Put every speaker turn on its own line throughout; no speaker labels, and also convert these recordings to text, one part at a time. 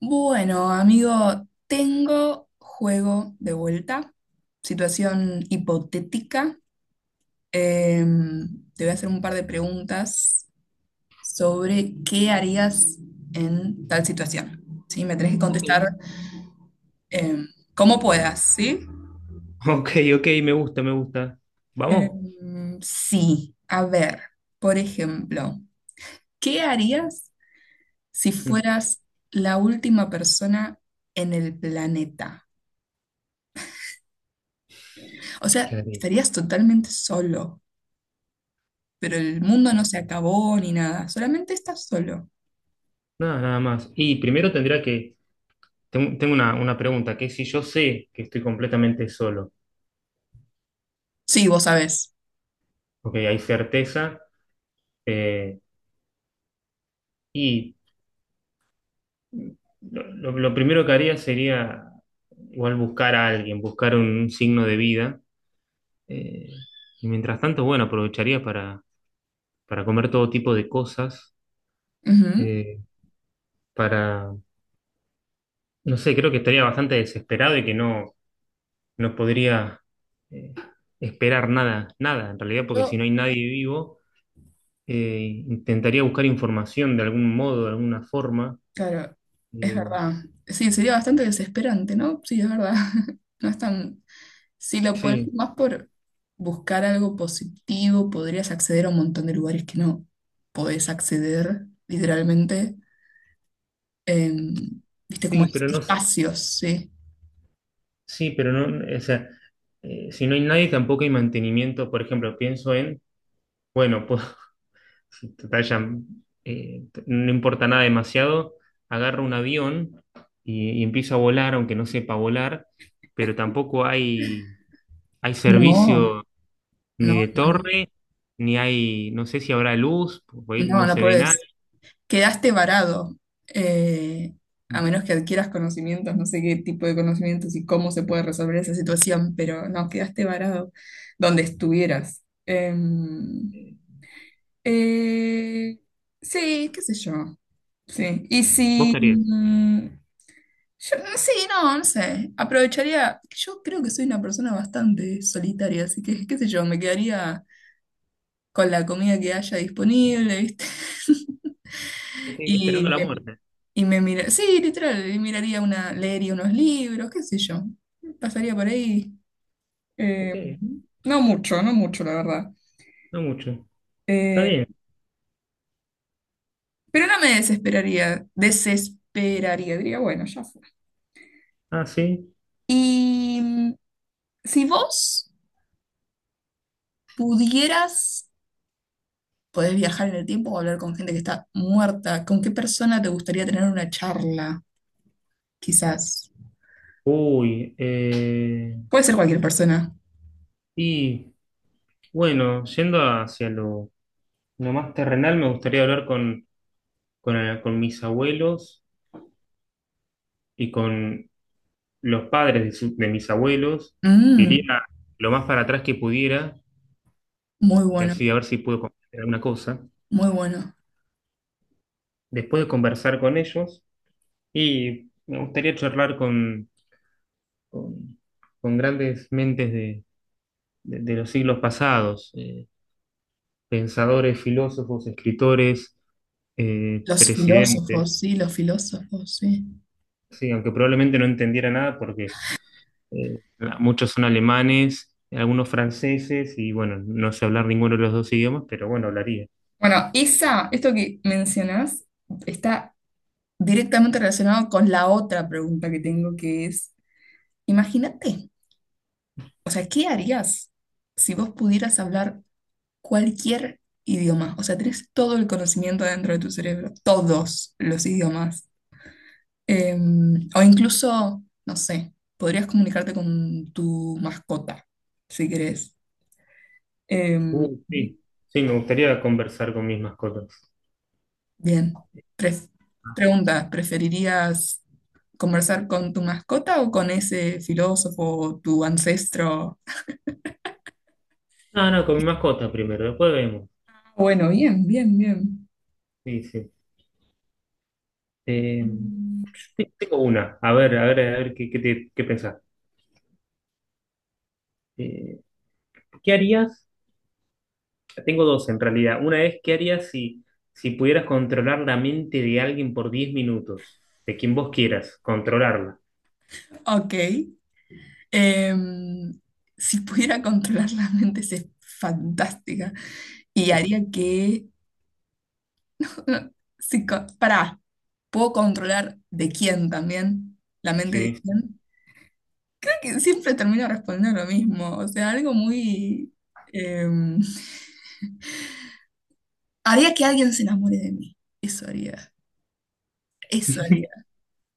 Bueno, amigo, tengo juego de vuelta, situación hipotética. Te voy a hacer un par de preguntas sobre qué harías en tal situación. ¿Sí? Me tenés que
Ok.
contestar em, como puedas, ¿sí?
Ok, ok, me gusta, me gusta. Vamos.
Sí, a ver, por ejemplo, ¿qué harías si
Mm.
fueras la última persona en el planeta? O sea,
¿Qué haré?
estarías totalmente solo, pero el mundo no
Ok.
se acabó ni nada, solamente estás solo.
Nada, nada más. Y primero tendría que. Tengo una pregunta, que es si yo sé que estoy completamente solo,
Sí, vos sabés.
porque hay certeza, eh, y lo primero que haría sería igual buscar a alguien, buscar un signo de vida, eh, y mientras tanto, bueno, aprovecharía para comer todo tipo de cosas,
Ujú.
eh, para no sé, creo que estaría bastante desesperado y que no podría eh, esperar nada, nada en realidad, porque si
Yo,
no hay nadie vivo, intentaría buscar información de algún modo, de alguna forma.
claro, es
Eh,
verdad. Sí, sería bastante desesperante, ¿no? Sí, es verdad. No es tan. Si lo pones
sí,
más por buscar algo positivo, podrías acceder a un montón de lugares que no podés acceder, literalmente. em, ¿Viste? Como
sí, pero no,
espacios, sí.
sí, pero no, o sea, si no hay nadie tampoco hay mantenimiento. Por ejemplo, pienso en, bueno, pues, si total ya, no importa nada demasiado, agarro un avión y empiezo a volar, aunque no sepa volar, pero tampoco hay
No,
servicio ni
no,
de
no,
torre, ni hay, no sé si habrá luz, porque ahí
no,
no
no
se ve nada.
podés. Quedaste varado, eh, a menos que adquieras conocimientos, no sé qué tipo de conocimientos y cómo se puede resolver esa situación, pero no, quedaste varado donde estuvieras.
Eh,
Eh, sí, qué sé yo, sí. Y
¿Vos
si,
qué harías?
yo, no, sí, no, no sé, aprovecharía, yo creo que soy una persona bastante solitaria, así que, qué sé yo, me quedaría con la comida que haya disponible, ¿viste?
Ok,
Y
esperando la
me
muerte.
Y me mira, sí, literal, y miraría una, leería unos libros, qué sé yo. Pasaría por ahí.
Ok,
eh, no mucho, no mucho, la verdad.
no mucho. Está
Eh,
bien.
pero no me desesperaría, desesperaría, diría, bueno, ya fue.
Ah, sí.
Y si vos pudieras, podés viajar en el tiempo o hablar con gente que está muerta, ¿con qué persona te gustaría tener una charla? Quizás.
Uy,
Puede ser cualquier persona.
y bueno, yendo hacia lo más terrenal, me gustaría hablar con mis abuelos y con los padres de mis abuelos. Iría
Mm,
lo más para atrás que pudiera,
muy
y
bueno,
así a ver si puedo comprender alguna cosa
muy bueno.
después de conversar con ellos. Y me gustaría charlar con, con grandes mentes de los siglos pasados, pensadores, filósofos, escritores,
Los
presidentes,
filósofos, sí, los filósofos, sí.
sí, aunque probablemente no entendiera nada porque eh, muchos son alemanes, algunos franceses y bueno, no sé hablar ninguno de los dos idiomas, pero bueno, hablaría.
Bueno, esa, esto que mencionás, está directamente relacionado con la otra pregunta que tengo, que es, imagínate, o sea, ¿qué harías si vos pudieras hablar cualquier idioma? O sea, tenés todo el conocimiento dentro de tu cerebro, todos los idiomas. Eh, o incluso, no sé, podrías comunicarte con tu mascota, si querés. Em,
Sí, sí, me gustaría conversar con mis mascotas.
Bien. Pref-
Ah,
Pregunta, ¿preferirías conversar con tu mascota o con ese filósofo o tu ancestro?
no, no, con mi mascota primero, después vemos.
Ah, bueno, bien, bien, bien.
Sí, sí. Eh, sí, tengo una. A ver, a ver, a ver qué pensás. Eh, ¿Qué harías? Tengo dos en realidad. Una es, ¿qué harías si pudieras controlar la mente de alguien por 10 minutos? De quien vos quieras, controlarla.
Ok. Em, si pudiera controlar la mente, es fantástica. Y haría que. si co- Pará, ¿puedo controlar de quién también? ¿La mente de
Sí.
quién? Creo que siempre termino respondiendo lo mismo. O sea, algo muy... em, Haría que alguien se enamore de mí. Eso haría. Eso haría.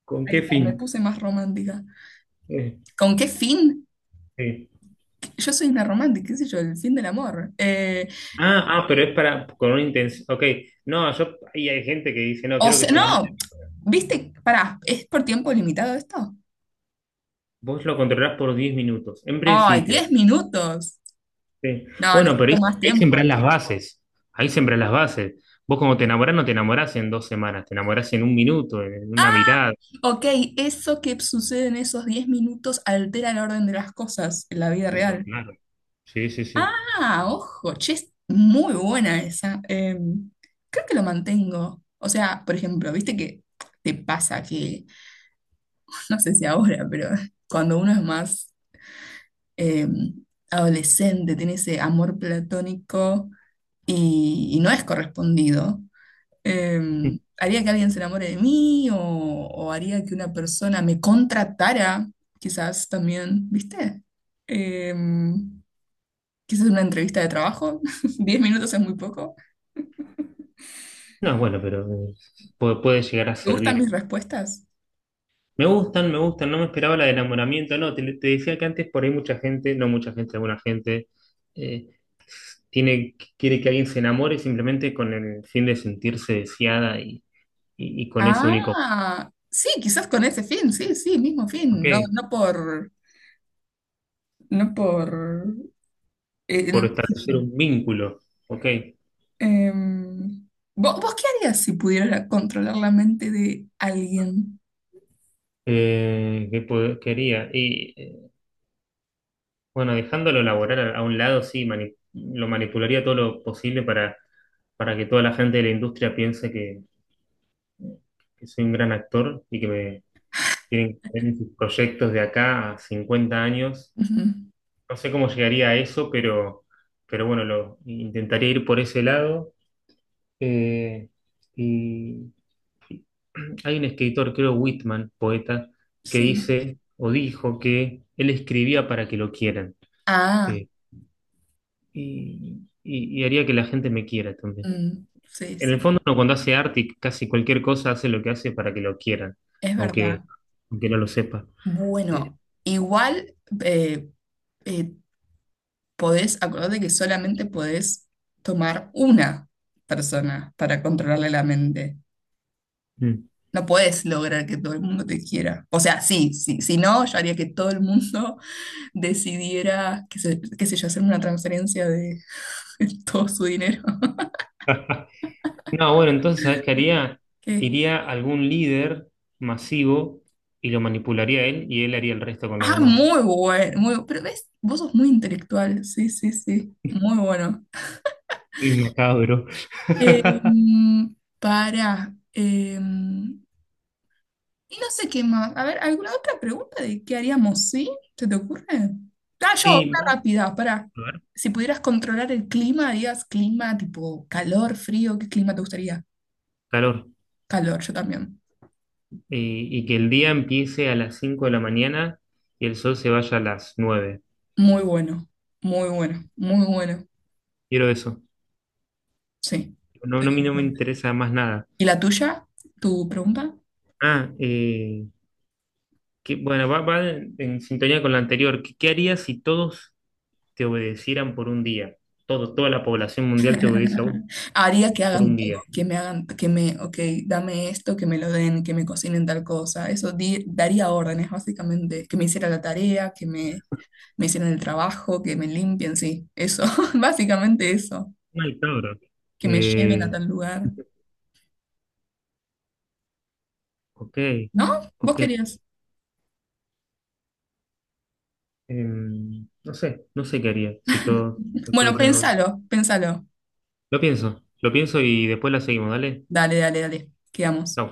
¿Con
Ahí
qué
está,
fin?
me puse más romántica.
Eh,
¿Con qué fin?
sí.
Yo soy una romántica, qué sé yo, el fin del amor.
Ah, ah, pero es para, con una intención. Ok, no, yo, ahí hay gente que dice, no,
O
quiero que
sea,
se enamore.
no, viste, pará, ¿es por tiempo limitado esto?
Vos lo controlás por 10 minutos, en
Ay,
principio.
10 minutos.
Sí.
No,
Bueno, pero
necesito
ahí,
más
ahí sembrás
tiempo.
las bases. Ahí sembrás las bases. Vos como te enamorás, no te enamorás en 2 semanas, te enamorás en un minuto, en una mirada,
Ok, eso que sucede en esos 10 minutos altera el orden de las cosas en la vida
pero
real.
claro. Sí, sí, sí.
Ah, ojo, che, es muy buena esa. Creo que lo mantengo. O sea, por ejemplo, viste que te pasa que, no sé si ahora, pero cuando uno es más eh, adolescente, tiene ese amor platónico y no es correspondido, eh, haría que alguien se enamore de mí o haría que una persona me contratara, quizás también, ¿viste? Eh, Quizás una entrevista de trabajo. 10 minutos es muy poco.
No, bueno, pero puede llegar a
¿Te gustan
servir.
mis respuestas?
Me gustan, no me esperaba la de enamoramiento, no, te decía que antes por ahí mucha gente, no mucha gente, alguna gente, eh, quiere que alguien se enamore simplemente con el fin de sentirse deseada y con ese único,
Ah, sí, quizás con ese fin, sí, sí, mismo
ok,
fin, no, no por, no por,
por
no sé yo.
establecer un vínculo, ok.
Em, ¿Vos, qué harías si pudieras controlar la mente de alguien?
Quería. Y bueno, dejándolo laboral a un lado, sí, lo manipularía todo lo posible para que toda la gente de la industria piense que soy un gran actor y que me tienen que ver en sus proyectos de acá a 50 años.
Ujú.
No sé cómo llegaría a eso, pero bueno, lo intentaría ir por ese lado. Eh, y hay un escritor, creo Whitman, poeta, que
Sí.
dice o dijo que él escribía para que lo quieran.
Ah,
Eh, y haría que la gente me quiera también.
mm, sí,
En el
sí,
fondo, uno cuando hace arte y casi cualquier cosa hace lo que hace para que lo quieran,
es verdad.
aunque, aunque no lo sepa. Eh,
Bueno, igual eh, eh, podés, acordate que solamente podés tomar una persona para controlarle la mente.
mm.
No puedes lograr que todo el mundo te quiera. O sea, sí, sí, si no, yo haría que todo el mundo decidiera, qué sé yo, hacer una transferencia de todo su dinero.
No, bueno, entonces, ¿sabes qué haría?
Que-
Iría a algún líder masivo y lo manipularía a él y él haría el resto con los
Ah,
demás.
muy bueno, muy, pero ves, vos sos muy intelectual, sí, sí, sí, muy bueno.
Sí, macabro.
Em, para, Y no sé qué más. A ver, ¿alguna otra pregunta de qué haríamos? ¿Sí? ¿Se te ocurre? Ah, yo,
Sí,
una
va a
rápida, pará.
haber
Si pudieras controlar el clima, harías clima tipo calor, frío, ¿qué clima te gustaría?
calor.
Calor, yo también.
Y que el día empiece a las 5 de la mañana y el sol se vaya a las 9.
Muy bueno, muy bueno, muy bueno.
Quiero eso.
Sí,
No, no, a mí no me
perfecto.
interesa más nada.
¿Y la tuya? ¿Tu pregunta?
Ah, que, bueno, va en sintonía con lo anterior. ¿Qué harías si todos te obedecieran por un día? Toda la población mundial te obedece a vos
Haría que
por
hagan
un
todo,
día.
que me hagan, que me, ok, dame esto, que me lo den, que me cocinen tal cosa. Eso daría órdenes, básicamente, que me hiciera la tarea, que me hicieron el trabajo, que me limpien, sí, eso, básicamente eso,
Mal, cabrón.
que me lleven a
Eh,
tal lugar.
ok,
¿No? ¿Vos
ok.
querías?
No sé qué haría si todos te
Bueno,
pudiesen obedecer.
pensalo, pensalo.
Lo pienso y después la seguimos, dale.
Dale, dale, dale, quedamos.
Chau.